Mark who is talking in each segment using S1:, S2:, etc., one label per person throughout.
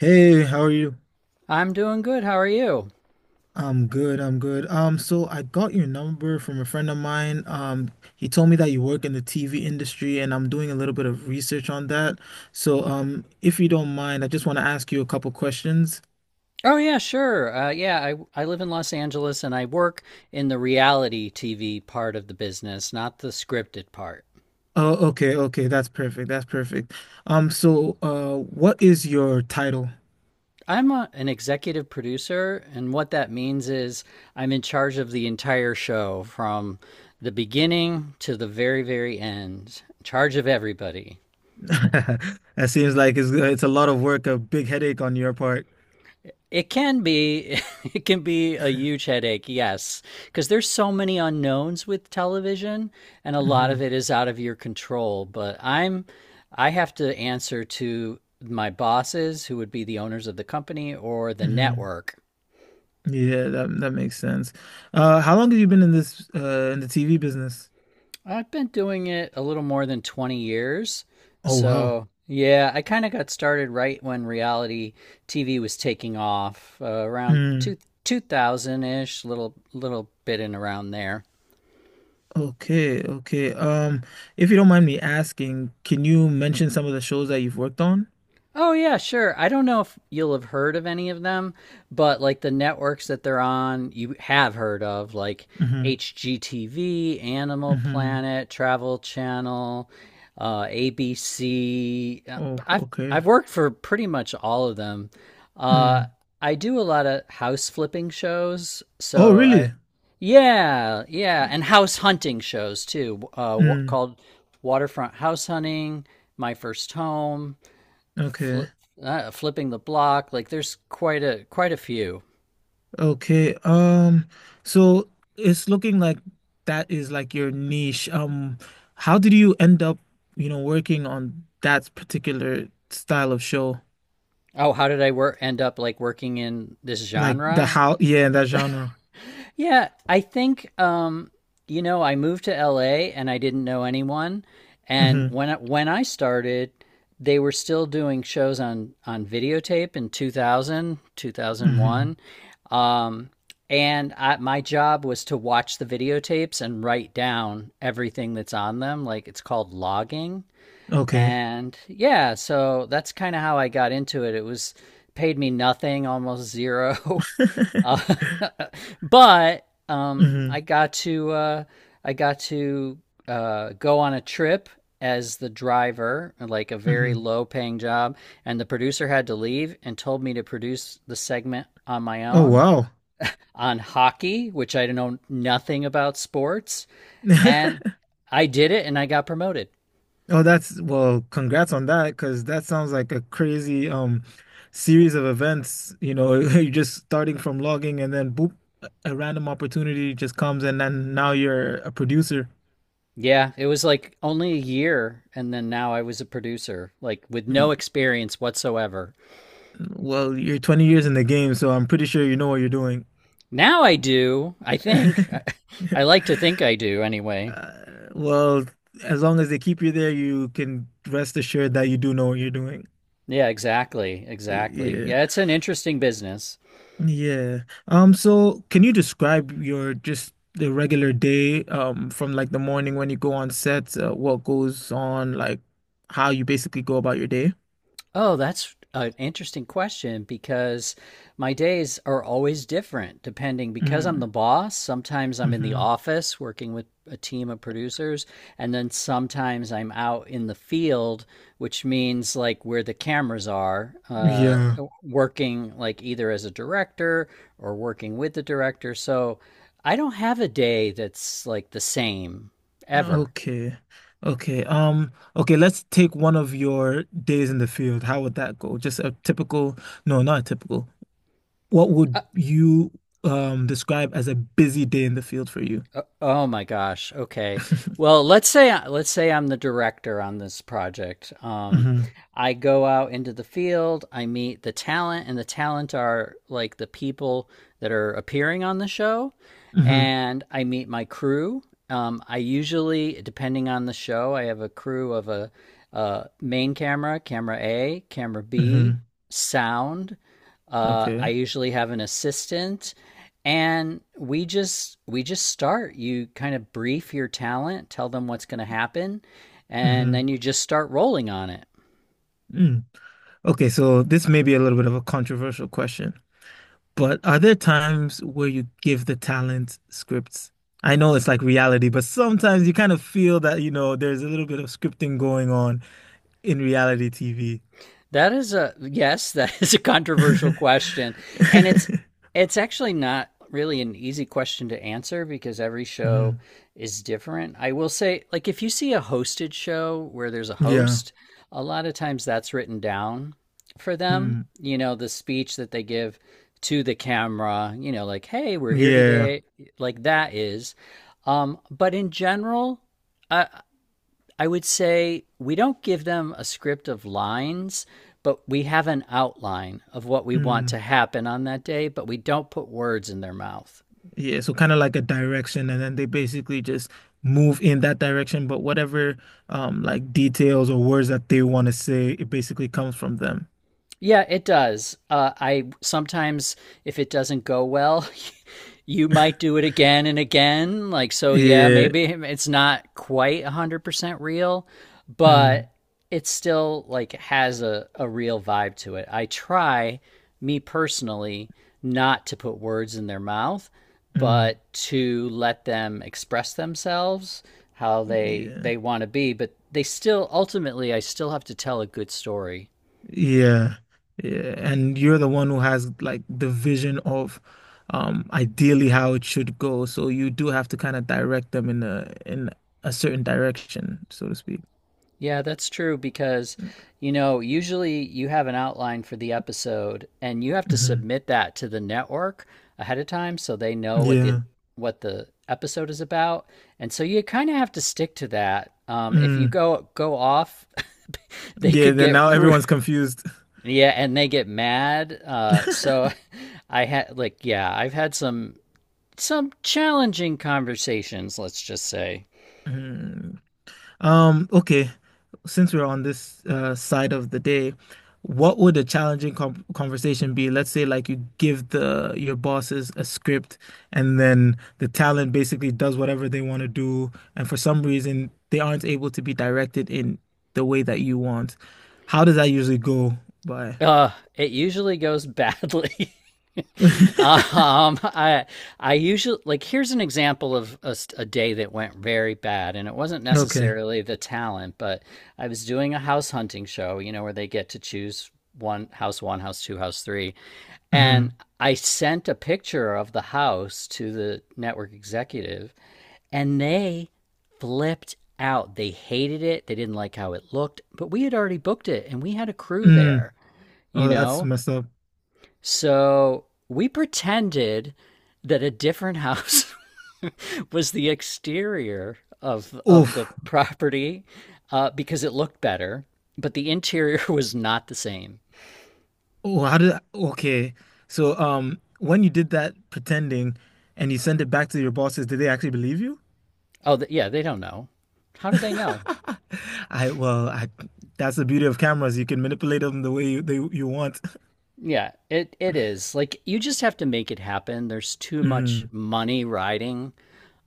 S1: Hey, how are you?
S2: I'm doing good. How are you?
S1: I'm good, I'm good. So I got your number from a friend of mine. He told me that you work in the TV industry and I'm doing a little bit of research on that. So, if you don't mind, I just want to ask you a couple questions.
S2: Oh, yeah, sure. Yeah, I live in Los Angeles and I work in the reality TV part of the business, not the scripted part.
S1: Oh, okay, okay, that's perfect. That's perfect. So, what is your title?
S2: I'm an executive producer, and what that means is I'm in charge of the entire show from the beginning to the very, very end, in charge of everybody.
S1: That seems like it's a lot of work, a big headache on your part.
S2: It can be it can be a huge headache, yes, because there's so many unknowns with television and a lot of
S1: hmm
S2: it is out of your control, but I have to answer to my bosses who would be the owners of the company or the
S1: hmm
S2: network.
S1: Yeah, that makes sense. How long have you been in this in the TV business?
S2: I've been doing it a little more than 20 years.
S1: Oh wow.
S2: So, yeah, I kind of got started right when reality TV was taking off, around
S1: Mm,
S2: 2000-ish, little bit in around there.
S1: okay, okay. If you don't mind me asking, can you mention some of the shows that you've worked on?
S2: Oh, yeah, sure. I don't know if you'll have heard of any of them, but like the networks that they're on, you have heard of like
S1: Mm-hmm.
S2: HGTV, Animal
S1: Mm-hmm.
S2: Planet, Travel Channel, ABC.
S1: Oh,
S2: I've
S1: okay.
S2: I've worked for pretty much all of them. Uh,
S1: Mm.
S2: I do a lot of house flipping shows,
S1: Oh,
S2: so
S1: really?
S2: I yeah, yeah, and house hunting shows too,
S1: Mm.
S2: called Waterfront House Hunting, My First Home fli
S1: Okay.
S2: flipping the block. Like there's quite a few.
S1: Okay. So it's looking like that is like your niche. How did you end up, you know, working on that particular style of show?
S2: Oh, how did I work end up like working in this
S1: Like the
S2: genre?
S1: how, yeah, that genre.
S2: Yeah, I think you know I moved to LA and I didn't know anyone, and
S1: Mm-hmm.
S2: when I started, they were still doing shows on videotape in 2001.
S1: Mm-hmm.
S2: Um, my job was to watch the videotapes and write down everything that's on them. Like it's called logging.
S1: Okay.
S2: And yeah, so that's kind of how I got into it. It was Paid me nothing, almost zero. uh, but I
S1: Mm-hmm.
S2: got to I got to go on a trip as the driver, like a very
S1: hmm
S2: low paying job, and the producer had to leave and told me to produce the segment on my
S1: Oh,
S2: own
S1: wow.
S2: on hockey, which I know nothing about sports, and I did it and I got promoted.
S1: Oh, that's well, congrats on that because that sounds like a crazy series of events. You know, you're just starting from logging and then boop, a random opportunity just comes and then now you're a producer.
S2: Yeah, it was like only a year, and then now I was a producer, like with
S1: Mm.
S2: no experience whatsoever.
S1: Well, you're 20 years in the game, so I'm pretty sure you know what you're doing.
S2: Now I do, I think. I like to think I do anyway.
S1: Well, as long as they keep you there, you can rest assured that you do know what you're doing.
S2: Yeah, exactly. Exactly.
S1: Yeah.
S2: Yeah, it's an interesting business.
S1: Yeah. So can you describe your just the regular day, from like the morning when you go on set, what goes on, like how you basically go about your day?
S2: Oh, that's an interesting question because my days are always different depending because I'm the
S1: Mm.
S2: boss. Sometimes I'm in the
S1: Hmm.
S2: office working with a team of producers, and then sometimes I'm out in the field, which means like where the cameras are,
S1: Yeah.
S2: working like either as a director or working with the director. So I don't have a day that's like the same ever.
S1: Okay. Okay. Okay, let's take one of your days in the field. How would that go? Just a typical, no, not a typical. What would you describe as a busy day in the field for you?
S2: Oh my gosh. Okay. Well, let's say I'm the director on this project.
S1: Mm-hmm.
S2: I go out into the field, I meet the talent, and the talent are like the people that are appearing on the show,
S1: Mm-hmm.
S2: and I meet my crew. I usually, depending on the show, I have a crew of a main camera, camera A, camera B,
S1: Mm-hmm.
S2: sound.
S1: Okay.
S2: I usually have an assistant, and we just start. You kind of brief your talent, tell them what's going to happen, and
S1: Mm-hmm.
S2: then you just start rolling on it.
S1: Mm. Okay, so this may be a little bit of a controversial question, but are there times where you give the talent scripts? I know it's like reality, but sometimes you kind of feel that, you know, there's a little bit of scripting going on in reality TV.
S2: That is a yes, that is a controversial question. And it's it's actually not really an easy question to answer because every show
S1: Mhm.
S2: is different. I will say like if you see a hosted show where there's a
S1: Yeah.
S2: host, a lot of times that's written down for them,
S1: Mm.
S2: you know, the speech that they give to the camera, you know, like hey, we're here
S1: Yeah.
S2: today, like that is but in general, I I would say we don't give them a script of lines, but we have an outline of what we want
S1: Mm.
S2: to happen on that day, but we don't put words in their mouth.
S1: Yeah. So kind of like a direction, and then they basically just move in that direction, but whatever like details or words that they want to say, it basically comes from them.
S2: Yeah, it does. I sometimes, if it doesn't go well, you might do it again and again. Like, so yeah,
S1: Yeah.
S2: maybe it's not quite 100% real,
S1: Mm,
S2: but it still like has a real vibe to it. I try, me personally, not to put words in their mouth,
S1: mm,
S2: but to let them express themselves how they
S1: yeah,
S2: want to be, but they still ultimately I still have to tell a good story.
S1: yeah, yeah. And you're the one who has like the vision of ideally how it should go. So you do have to kind of direct them in a certain direction, so to speak.
S2: Yeah, that's true because, you know, usually you have an outline for the episode and you have to
S1: Hmm.
S2: submit that to the network ahead of time so they know what the
S1: Yeah.
S2: what the episode is about. And so you kind of have to stick to that. If you
S1: Mm,
S2: go off, they
S1: yeah,
S2: could
S1: then
S2: get
S1: now everyone's confused.
S2: yeah, and they get mad. So I had like yeah, I've had some challenging conversations, let's just say.
S1: Mm. Okay. Since we're on this side of the day, what would a challenging com conversation be? Let's say like you give the your bosses a script and then the talent basically does whatever they want to do, and for some reason they aren't able to be directed in the way that you want. How does that usually go by?
S2: It usually goes badly. Um, I I usually, like here's an example of a day that went very bad, and it wasn't
S1: Okay.
S2: necessarily the talent, but I was doing a house hunting show, you know, where they get to choose one, house two, house three, and
S1: Hmm.
S2: I sent a picture of the house to the network executive, and they flipped out. They hated it. They didn't like how it looked, but we had already booked it, and we had a crew
S1: Mm.
S2: there, you
S1: Oh, that's
S2: know.
S1: messed up.
S2: So we pretended that a different house was the exterior of
S1: Oof.
S2: of the property because it looked better, but the interior was not the same.
S1: Oh, okay. So, when you did that pretending and you sent it back to your bosses, did they actually believe you?
S2: Oh, th yeah, they don't know. How do they know?
S1: I well, I that's the beauty of cameras. You can manipulate them the way you they, you want.
S2: Yeah, it is. Like you just have to make it happen. There's too much
S1: Mm,
S2: money riding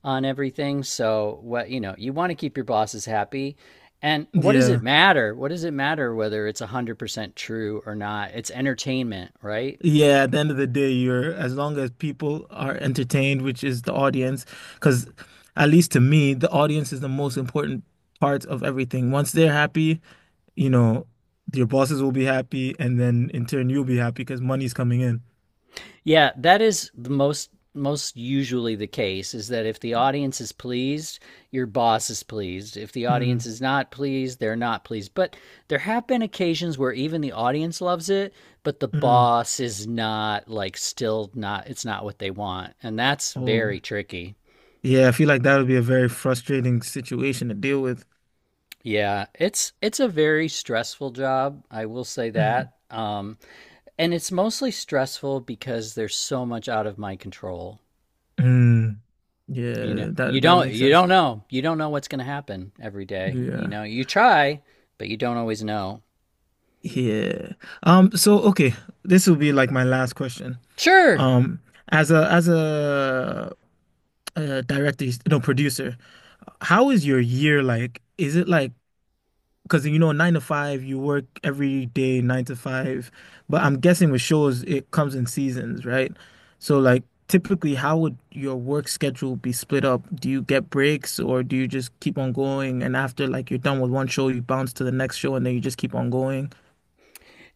S2: on everything. So what you know, you want to keep your bosses happy. And what does it
S1: yeah.
S2: matter? What does it matter whether it's 100% true or not? It's entertainment, right?
S1: Yeah, at the end of the day, you're as long as people are entertained, which is the audience, because at least to me, the audience is the most important part of everything. Once they're happy, you know, your bosses will be happy, and then in turn you'll be happy because money's coming in.
S2: Yeah, that is the most usually the case is that if the audience is pleased, your boss is pleased. If the
S1: Mm,
S2: audience is not pleased, they're not pleased. But there have been occasions where even the audience loves it, but the
S1: mm.
S2: boss is not like still not it's not what they want. And that's very
S1: Oh,
S2: tricky.
S1: yeah. I feel like that would be a very frustrating situation to deal with.
S2: Yeah, it's a very stressful job, I will say
S1: Mm,
S2: that. And it's mostly stressful because there's so much out of my control.
S1: mm. Yeah,
S2: You know,
S1: that
S2: you
S1: that
S2: don't
S1: makes
S2: you
S1: sense.
S2: don't know. You don't know what's going to happen every day. You
S1: Yeah,
S2: know, you try, but you don't always know.
S1: yeah. So, okay, this will be like my last question.
S2: Sure.
S1: Um. As a director, no producer, how is your year like? Is it like because you know 9 to 5 you work every day 9 to 5 but I'm guessing with shows it comes in seasons right so like typically how would your work schedule be split up do you get breaks or do you just keep on going and after like you're done with one show you bounce to the next show and then you just keep on going.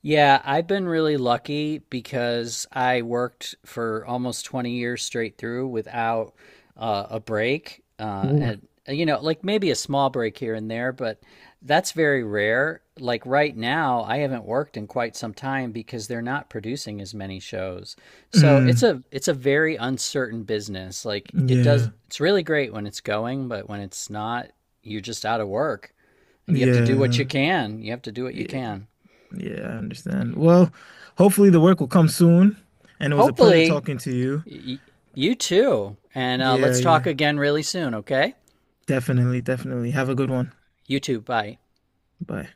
S2: Yeah, I've been really lucky because I worked for almost 20 years straight through without a break.
S1: Oof.
S2: And, like maybe a small break here and there, but that's very rare. Like right now, I haven't worked in quite some time because they're not producing as many shows. So it's
S1: Mm,
S2: a it's a very uncertain business. Like it does,
S1: yeah,
S2: it's really great when it's going, but when it's not, you're just out of work and you have to do what you
S1: yeah,
S2: can. You have to do what you
S1: yeah,
S2: can.
S1: yeah, I understand. Well, hopefully the work will come soon and it was a pleasure
S2: Hopefully,
S1: talking to you.
S2: Y- you too. And
S1: Yeah,
S2: let's talk
S1: yeah,
S2: again really soon, okay?
S1: definitely, definitely, have a good one.
S2: You too. Bye.
S1: Bye.